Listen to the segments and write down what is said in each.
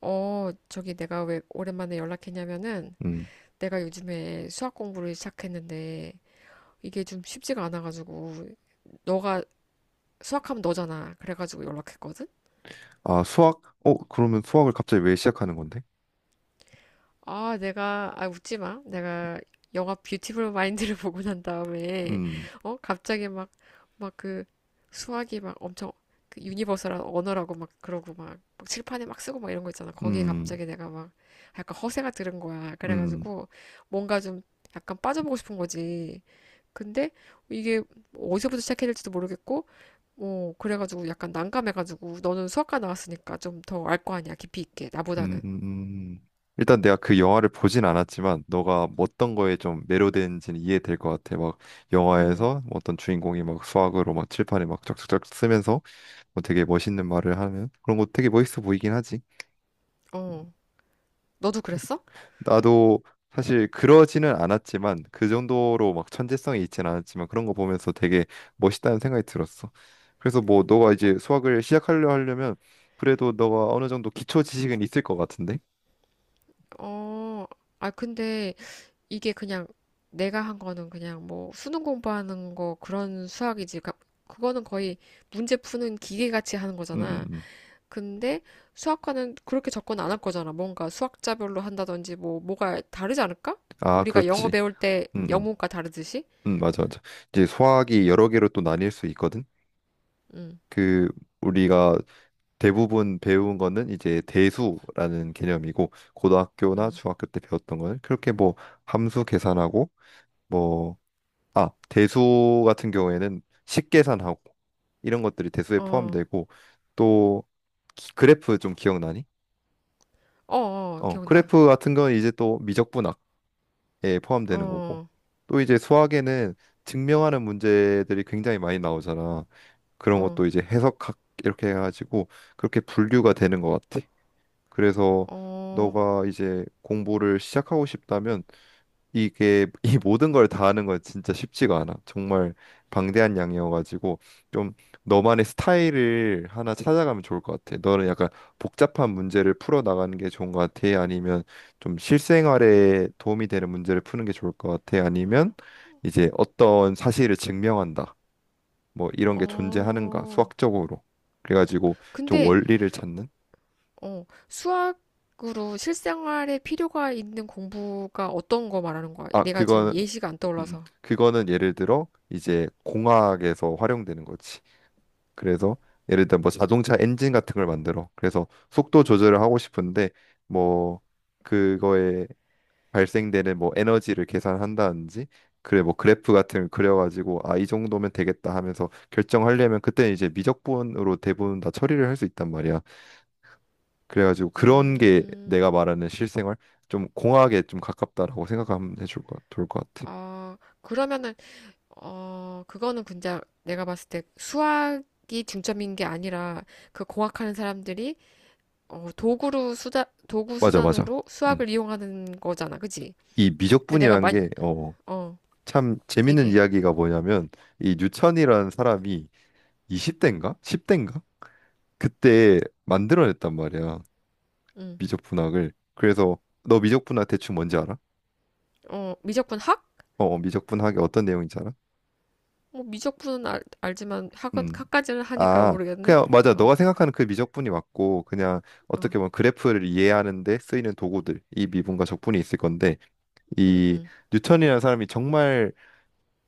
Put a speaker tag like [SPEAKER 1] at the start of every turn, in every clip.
[SPEAKER 1] 어, 저기 내가 왜 오랜만에 연락했냐면은
[SPEAKER 2] 음.
[SPEAKER 1] 내가 요즘에 수학 공부를 시작했는데 이게 좀 쉽지가 않아가지고 너가 수학하면 너잖아. 그래가지고 연락했거든?
[SPEAKER 2] 아, 수학? 어, 그러면 수학을 갑자기 왜 시작하는 건데?
[SPEAKER 1] 아, 아, 웃지 마. 내가 영화 뷰티풀 마인드를 보고 난 다음에,
[SPEAKER 2] 음,
[SPEAKER 1] 어? 갑자기 막 그 수학이 막 엄청 그 유니버설한 언어라고 막 그러고 막 칠판에 막 쓰고 막 이런 거 있잖아. 거기에
[SPEAKER 2] 음,
[SPEAKER 1] 갑자기 내가 막 약간 허세가 들은 거야.
[SPEAKER 2] 음,
[SPEAKER 1] 그래가지고 뭔가 좀 약간 빠져보고 싶은 거지. 근데 이게 어디서부터 시작해야 될지도 모르겠고, 어, 그래가지고 약간 난감해가지고 너는 수학과 나왔으니까 좀 더 알 거 아니야. 깊이 있게.
[SPEAKER 2] 음,
[SPEAKER 1] 나보다는.
[SPEAKER 2] 음. 음. 일단 내가 그 영화를 보진 않았지만 너가 뭐 어떤 거에 좀 매료되는지는 이해될 것 같아. 막
[SPEAKER 1] 음,
[SPEAKER 2] 영화에서 뭐 어떤 주인공이 막 수학으로 막 칠판에 막 쫙쫙쫙 쓰면서 뭐 되게 멋있는 말을 하면 그런 거 되게 멋있어 보이긴 하지.
[SPEAKER 1] 어. 너도 그랬어?
[SPEAKER 2] 나도 사실 그러지는 않았지만 그 정도로 막 천재성이 있진 않았지만 그런 거 보면서 되게 멋있다는 생각이 들었어. 그래서 뭐 너가
[SPEAKER 1] 어,
[SPEAKER 2] 이제 수학을 시작하려 하려면 그래도 너가 어느 정도 기초 지식은 있을 것 같은데.
[SPEAKER 1] 어, 아, 근데 이게 그냥 내가 한 거는 그냥 뭐 수능 공부하는 거 그런 수학이지. 그거는 거의 문제 푸는 기계같이 하는
[SPEAKER 2] 음, 음,
[SPEAKER 1] 거잖아.
[SPEAKER 2] 음.
[SPEAKER 1] 근데 수학과는 그렇게 접근 안 할 거잖아. 뭔가 수학자별로 한다든지 뭐 뭐가 다르지 않을까?
[SPEAKER 2] 아,
[SPEAKER 1] 우리가 영어
[SPEAKER 2] 그렇지.
[SPEAKER 1] 배울 때
[SPEAKER 2] 음, 음,
[SPEAKER 1] 영문과 다르듯이?
[SPEAKER 2] 맞아, 맞아. 이제 수학이 여러 개로 또 나뉠 수 있거든.
[SPEAKER 1] 응,
[SPEAKER 2] 그 우리가 대부분 배운 거는 이제 대수라는 개념이고 고등학교나
[SPEAKER 1] 응.
[SPEAKER 2] 중학교 때 배웠던 거는 그렇게 뭐 함수 계산하고 뭐 아, 대수 같은 경우에는 식계산하고 이런 것들이 대수에
[SPEAKER 1] 어,
[SPEAKER 2] 포함되고 또 그래프 좀 기억나니?
[SPEAKER 1] 어, 어,
[SPEAKER 2] 어,
[SPEAKER 1] 기억나.
[SPEAKER 2] 그래프 같은 건 이제 또 미적분학에 포함되는 거고
[SPEAKER 1] 어,
[SPEAKER 2] 또 이제 수학에는 증명하는 문제들이 굉장히 많이 나오잖아. 그런
[SPEAKER 1] 어,
[SPEAKER 2] 것도 이제 해석학 이렇게 해가지고 그렇게 분류가 되는 것 같아. 그래서
[SPEAKER 1] 어,
[SPEAKER 2] 너가 이제 공부를 시작하고 싶다면 이게 이 모든 걸 다 하는 건 진짜 쉽지가 않아. 정말 방대한 양이어가지고 좀 너만의 스타일을 하나 찾아가면 좋을 것 같아. 너는 약간 복잡한 문제를 풀어 나가는 게 좋은 것 같아. 아니면 좀 실생활에 도움이 되는 문제를 푸는 게 좋을 것 같아. 아니면 이제 어떤 사실을 증명한다. 뭐 이런 게 존재하는가
[SPEAKER 1] 어.
[SPEAKER 2] 수학적으로. 그래가지고 좀
[SPEAKER 1] 근데
[SPEAKER 2] 원리를 찾는.
[SPEAKER 1] 어, 수학으로 실생활에 필요가 있는 공부가 어떤 거 말하는 거야?
[SPEAKER 2] 아
[SPEAKER 1] 내가 지금
[SPEAKER 2] 그건
[SPEAKER 1] 예시가 안 떠올라서.
[SPEAKER 2] 그거는 예를 들어 이제 공학에서 활용되는 거지. 그래서 예를 들어 뭐 자동차 엔진 같은 걸 만들어. 그래서 속도 조절을 하고 싶은데 뭐 그거에 발생되는 뭐 에너지를 계산한다든지 그래 뭐 그래프 같은 걸 그려가지고 아 이 정도면 되겠다 하면서 결정하려면 그때 이제 미적분으로 대부분 다 처리를 할 수 있단 말이야. 그래가지고 그런 게
[SPEAKER 1] 음,
[SPEAKER 2] 내가 말하는 실생활 좀 공학에 좀 가깝다라고 생각하면 해줄 것 좋을 것 같아.
[SPEAKER 1] 아, 그러면은, 어, 그거는 근데 내가 봤을 때 수학이 중점인 게 아니라 그 공학하는 사람들이 어, 도구
[SPEAKER 2] 맞아 맞아.
[SPEAKER 1] 수단으로
[SPEAKER 2] 음.
[SPEAKER 1] 수학을 이용하는 거잖아. 그지?
[SPEAKER 2] 이
[SPEAKER 1] 그러니까 내가
[SPEAKER 2] 미적분이라는
[SPEAKER 1] 많이,
[SPEAKER 2] 게어
[SPEAKER 1] 어,
[SPEAKER 2] 참 재밌는
[SPEAKER 1] 얘기해.
[SPEAKER 2] 이야기가 뭐냐면 이 뉴천이라는 사람이 20대인가? 10대인가? 그때 만들어냈단 말이야.
[SPEAKER 1] 음,
[SPEAKER 2] 미적분학을. 그래서 너 미적분학 대충 뭔지 알아?
[SPEAKER 1] 어, 미적분 학?
[SPEAKER 2] 어, 어, 미적분학이 어떤 내용인지 알아?
[SPEAKER 1] 뭐 미적분은 알지만
[SPEAKER 2] 음.
[SPEAKER 1] 학까지는 하니까
[SPEAKER 2] 아,
[SPEAKER 1] 모르겠네.
[SPEAKER 2] 그냥 맞아.
[SPEAKER 1] 어,
[SPEAKER 2] 너가 생각하는 그 미적분이 맞고 그냥
[SPEAKER 1] 어,
[SPEAKER 2] 어떻게 보면 그래프를 이해하는 데 쓰이는 도구들, 이 미분과 적분이 있을 건데
[SPEAKER 1] 음,
[SPEAKER 2] 이
[SPEAKER 1] 음.
[SPEAKER 2] 뉴턴이라는 사람이 정말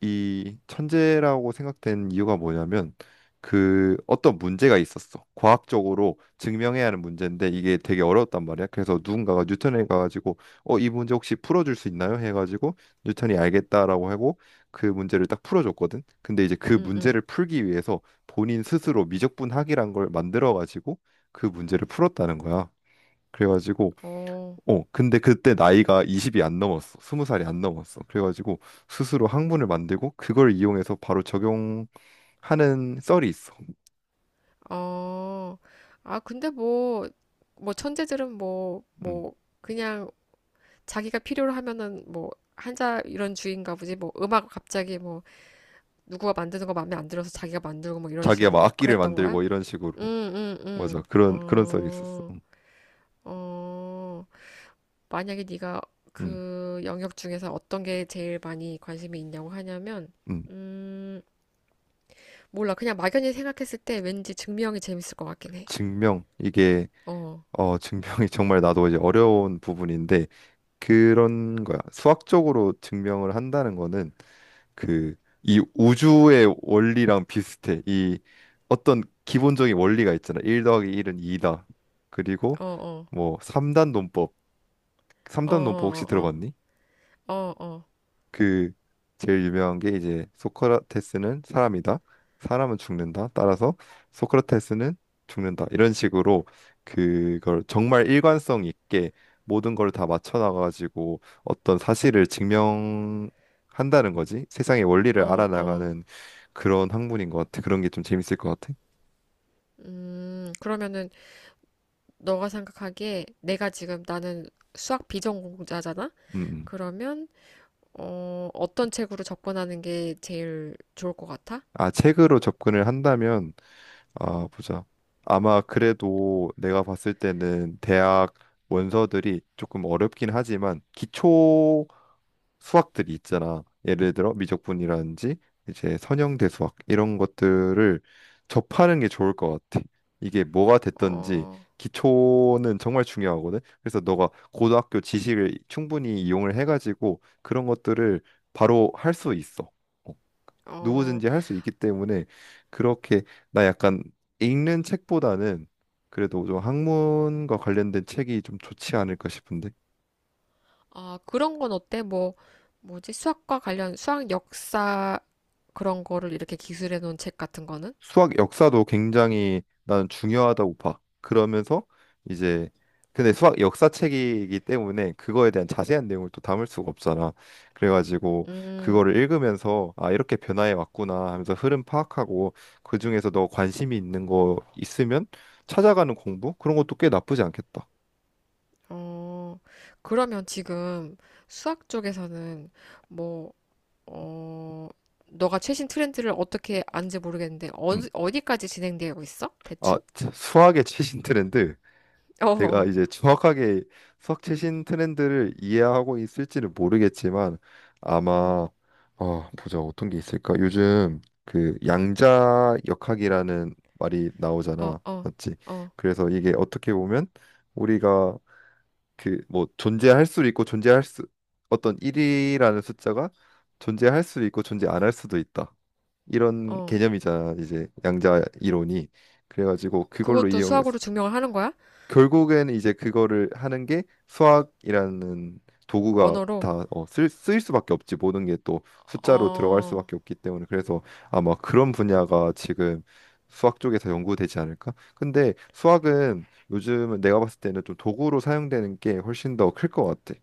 [SPEAKER 2] 이 천재라고 생각된 이유가 뭐냐면 그 어떤 문제가 있었어. 과학적으로 증명해야 하는 문제인데 이게 되게 어려웠단 말이야. 그래서 누군가가 뉴턴에 가가지고 어, 이 문제 혹시 풀어줄 수 있나요? 해가지고 뉴턴이 알겠다라고 하고 그 문제를 딱 풀어줬거든. 근데 이제 그
[SPEAKER 1] 응응.
[SPEAKER 2] 문제를 풀기 위해서 본인 스스로 미적분학이란 걸 만들어가지고 그 문제를 풀었다는 거야. 그래가지고
[SPEAKER 1] 어,
[SPEAKER 2] 어, 근데 그때 나이가 20이 안 넘었어. 20살이 안 넘었어. 그래가지고 스스로 학문을 만들고 그걸 이용해서 바로 적용하는 썰이 있어.
[SPEAKER 1] 어. 아, 근데 뭐, 뭐, 천재들은 뭐,
[SPEAKER 2] 음.
[SPEAKER 1] 뭐, 그냥 자기가 필요로 하면은 뭐, 한자 이런 주의인가 보지. 뭐, 음악 갑자기 뭐, 누구가 만드는 거 마음에 안 들어서 자기가 만들고 뭐 이런
[SPEAKER 2] 자기가 막
[SPEAKER 1] 식으로
[SPEAKER 2] 악기를
[SPEAKER 1] 그랬던 거야?
[SPEAKER 2] 만들고 이런 식으로.
[SPEAKER 1] 응, 응,
[SPEAKER 2] 맞아.
[SPEAKER 1] 응.
[SPEAKER 2] 그런 그런 썰이 있었어.
[SPEAKER 1] 어, 어. 만약에 네가
[SPEAKER 2] 음.
[SPEAKER 1] 그 영역 중에서 어떤 게 제일 많이 관심이 있냐고 하냐면,
[SPEAKER 2] 음.
[SPEAKER 1] 음, 몰라. 그냥 막연히 생각했을 때 왠지 증명이 재밌을 것 같긴 해.
[SPEAKER 2] 증명 이게
[SPEAKER 1] 어.
[SPEAKER 2] 어 증명이 정말 나도 이제 어려운 부분인데 그런 거야. 수학적으로 증명을 한다는 거는 그 이 우주의 원리랑 비슷해. 이 어떤 기본적인 원리가 있잖아. 1 더하기 1은 2다. 그리고
[SPEAKER 1] 어, 어,
[SPEAKER 2] 뭐 3단 논법.
[SPEAKER 1] 어,
[SPEAKER 2] 3단 논법 혹시
[SPEAKER 1] 어,
[SPEAKER 2] 들어봤니?
[SPEAKER 1] 어, 어,
[SPEAKER 2] 그 제일 유명한 게 이제 소크라테스는 사람이다. 사람은 죽는다. 따라서 소크라테스는 죽는다. 이런 식으로 그걸 정말 일관성 있게 모든 걸 다 맞춰 나가지고 어떤 사실을 증명한다는 거지. 세상의 원리를
[SPEAKER 1] 어, 어, 어.
[SPEAKER 2] 알아나가는 그런 학문인 것 같아. 그런 게 좀 재밌을 것 같아.
[SPEAKER 1] 그러면은 너가 생각하기에 내가 지금 나는 수학 비전공자잖아?
[SPEAKER 2] 음. 음.
[SPEAKER 1] 그러면 어, 어떤 책으로 접근하는 게 제일 좋을 것 같아?
[SPEAKER 2] 아, 책으로 접근을 한다면 아,
[SPEAKER 1] 음,
[SPEAKER 2] 보자. 아마 그래도 내가 봤을 때는 대학 원서들이 조금 어렵긴 하지만 기초 수학들이 있잖아. 예를 들어 미적분이라든지 이제 선형대 수학 이런 것들을 접하는 게 좋을 것 같아. 이게 뭐가 됐든지
[SPEAKER 1] 어,
[SPEAKER 2] 기초는 정말 중요하거든. 그래서 너가 고등학교 지식을 충분히 이용을 해가지고 그런 것들을 바로 할 수 있어.
[SPEAKER 1] 어,
[SPEAKER 2] 누구든지 할 수 있기 때문에 그렇게 나 약간 읽는 책보다는 그래도 좀 학문과 관련된 책이 좀 좋지 않을까 싶은데
[SPEAKER 1] 아, 그런 건 어때? 뭐, 뭐지? 수학과 관련 수학 역사 그런 거를 이렇게 기술해 놓은 책 같은 거는?
[SPEAKER 2] 수학 역사도 굉장히 나는 중요하다고 봐. 그러면서 이제 근데 수학 역사 책이기 때문에 그거에 대한 자세한 내용을 또 담을 수가 없잖아. 그래가지고
[SPEAKER 1] 음,
[SPEAKER 2] 그거를 읽으면서 아 이렇게 변화해 왔구나 하면서 흐름 파악하고 그 중에서 너 관심이 있는 거 있으면 찾아가는 공부 그런 것도 꽤 나쁘지 않겠다.
[SPEAKER 1] 어, 그러면 지금 수학 쪽에서는 뭐 어, 너가 최신 트렌드를 어떻게 아는지 모르겠는데, 어,
[SPEAKER 2] 음.
[SPEAKER 1] 어디까지 진행되고 있어?
[SPEAKER 2] 아,
[SPEAKER 1] 대충?
[SPEAKER 2] 참, 수학의 최신 트렌드.
[SPEAKER 1] 어,
[SPEAKER 2] 내가
[SPEAKER 1] 어,
[SPEAKER 2] 이제 정확하게 수학 최신 트렌드를 이해하고 있을지는 모르겠지만
[SPEAKER 1] 음,
[SPEAKER 2] 아마 어, 보자. 어떤 게 있을까? 요즘 그 양자 역학이라는 말이
[SPEAKER 1] 어,
[SPEAKER 2] 나오잖아.
[SPEAKER 1] 어,
[SPEAKER 2] 맞지?
[SPEAKER 1] 어,
[SPEAKER 2] 그래서 이게 어떻게 보면 우리가 그 뭐 존재할 수도 있고 존재할 수 어떤 1이라는 숫자가 존재할 수도 있고 존재 안 할 수도 있다. 이런
[SPEAKER 1] 어.
[SPEAKER 2] 개념이잖아. 이제 양자 이론이. 그래가지고 그걸로
[SPEAKER 1] 그것도
[SPEAKER 2] 이용해
[SPEAKER 1] 수학으로 증명을 하는 거야?
[SPEAKER 2] 결국엔 이제 그거를 하는 게 수학이라는 도구가
[SPEAKER 1] 언어로?
[SPEAKER 2] 다 어, 쓰일 수밖에 없지 모든 게 또 숫자로 들어갈
[SPEAKER 1] 어,
[SPEAKER 2] 수밖에 없기 때문에 그래서 아마 그런 분야가 지금 수학 쪽에서 연구되지 않을까? 근데 수학은 요즘 내가 봤을 때는 좀 도구로 사용되는 게 훨씬 더 클 것 같아.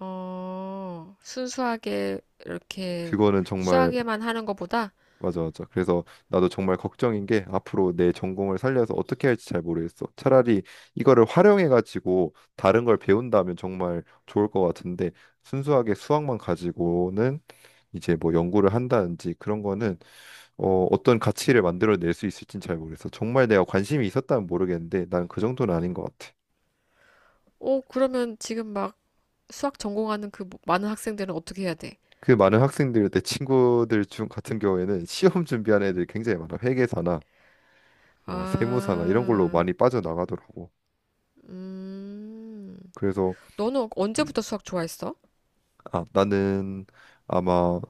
[SPEAKER 1] 어, 순수하게 이렇게
[SPEAKER 2] 그거는 정말
[SPEAKER 1] 수학에만 하는 것보다,
[SPEAKER 2] 맞아, 맞아. 그래서 나도 정말 걱정인 게 앞으로 내 전공을 살려서 어떻게 할지 잘 모르겠어. 차라리 이거를 활용해가지고 다른 걸 배운다면 정말 좋을 것 같은데 순수하게 수학만 가지고는 이제 뭐 연구를 한다든지 그런 거는 어, 어떤 가치를 만들어낼 수 있을진 잘 모르겠어. 정말 내가 관심이 있었다면 모르겠는데 난 그 정도는 아닌 것 같아.
[SPEAKER 1] 어, 그러면 지금 막 수학 전공하는 그 뭐 많은 학생들은 어떻게 해야 돼?
[SPEAKER 2] 그 많은 학생들, 내 친구들 중 같은 경우에는 시험 준비하는 애들이 굉장히 많아. 회계사나 뭐 세무사나 이런 걸로
[SPEAKER 1] 아,
[SPEAKER 2] 많이 빠져나가더라고.
[SPEAKER 1] 음,
[SPEAKER 2] 그래서
[SPEAKER 1] 너는
[SPEAKER 2] 음,
[SPEAKER 1] 언제부터 수학 좋아했어?
[SPEAKER 2] 아, 나는 아마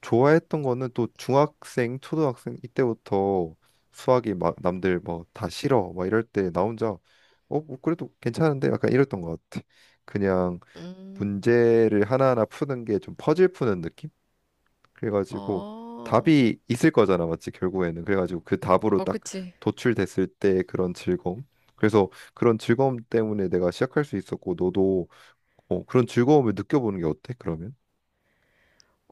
[SPEAKER 2] 좋아했던 거는 또 중학생, 초등학생 이때부터 수학이 막 남들 뭐 다 싫어 막 이럴 때 나 혼자 어, 뭐 그래도 괜찮은데 약간 이랬던 것 같아. 그냥
[SPEAKER 1] 음,
[SPEAKER 2] 문제를 하나하나 푸는 게 좀 퍼즐 푸는 느낌? 그래가지고
[SPEAKER 1] 어.
[SPEAKER 2] 답이 있을 거잖아, 맞지? 결국에는. 그래가지고 그 답으로
[SPEAKER 1] 어,
[SPEAKER 2] 딱
[SPEAKER 1] 그치.
[SPEAKER 2] 도출됐을 때 그런 즐거움. 그래서 그런 즐거움 때문에 내가 시작할 수 있었고 너도 어, 그런 즐거움을 느껴보는 게 어때? 그러면?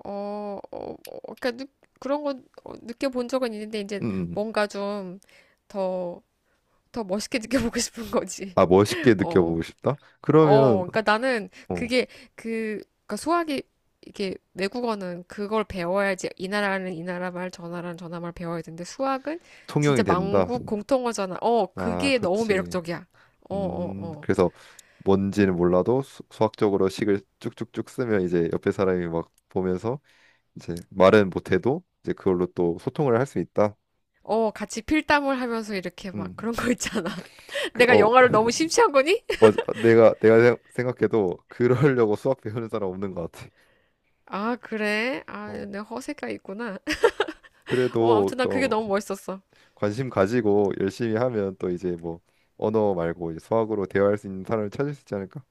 [SPEAKER 1] 어, 어, 어, 그러니까 그런 건 어, 느껴본 적은 있는데
[SPEAKER 2] 음.
[SPEAKER 1] 이제
[SPEAKER 2] 음, 음.
[SPEAKER 1] 뭔가 좀 더, 더 멋있게 느껴보고 싶은 거지.
[SPEAKER 2] 아, 멋있게
[SPEAKER 1] 어,
[SPEAKER 2] 느껴보고 싶다?
[SPEAKER 1] 어,
[SPEAKER 2] 그러면,
[SPEAKER 1] 그러니까 나는
[SPEAKER 2] 어,
[SPEAKER 1] 그게 그, 그러니까 수학이 이게 외국어는 그걸 배워야지 이 나라는 이 나라 말, 저 나라는 저 나라 말 배워야 되는데 수학은 진짜
[SPEAKER 2] 통영이 된다.
[SPEAKER 1] 만국 공통어잖아. 어,
[SPEAKER 2] 아,
[SPEAKER 1] 그게 너무
[SPEAKER 2] 그렇지.
[SPEAKER 1] 매력적이야. 어, 어, 어.
[SPEAKER 2] 그래서 뭔지는 몰라도 수학적으로 식을 쭉쭉쭉 쓰면 이제 옆에 사람이 막 보면서 이제 말은 못해도 이제 그걸로 또 소통을 할 수 있다.
[SPEAKER 1] 어, 같이 필담을 하면서 이렇게 막
[SPEAKER 2] 음,
[SPEAKER 1] 그런 거 있잖아.
[SPEAKER 2] 그,
[SPEAKER 1] 내가
[SPEAKER 2] 어,
[SPEAKER 1] 영화를 너무 심취한 거니?
[SPEAKER 2] 맞아. 내가 생각해도 그러려고 수학 배우는 사람 없는 것 같아.
[SPEAKER 1] 아, 그래? 아,
[SPEAKER 2] 어,
[SPEAKER 1] 내 허세가 있구나. 어,
[SPEAKER 2] 그래도,
[SPEAKER 1] 아무튼
[SPEAKER 2] 그,
[SPEAKER 1] 난 그게
[SPEAKER 2] 어,
[SPEAKER 1] 너무 멋있었어.
[SPEAKER 2] 관심 가지고 열심히 하면 또 이제 뭐, 언어 말고 이제 수학으로 대화할 수 있는 사람을 찾을 수 있지 않을까?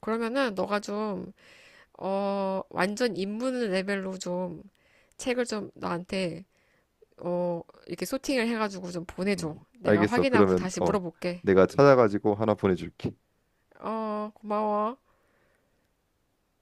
[SPEAKER 1] 그러면은 너가 좀, 어, 완전 입문 레벨로 좀 책을 좀 나한테, 어, 이렇게 소팅을 해가지고 좀
[SPEAKER 2] 음,
[SPEAKER 1] 보내줘. 내가
[SPEAKER 2] 알겠어.
[SPEAKER 1] 확인하고
[SPEAKER 2] 그러면
[SPEAKER 1] 다시
[SPEAKER 2] 어,
[SPEAKER 1] 물어볼게.
[SPEAKER 2] 내가 찾아가지고 하나 보내줄게.
[SPEAKER 1] 어, 고마워.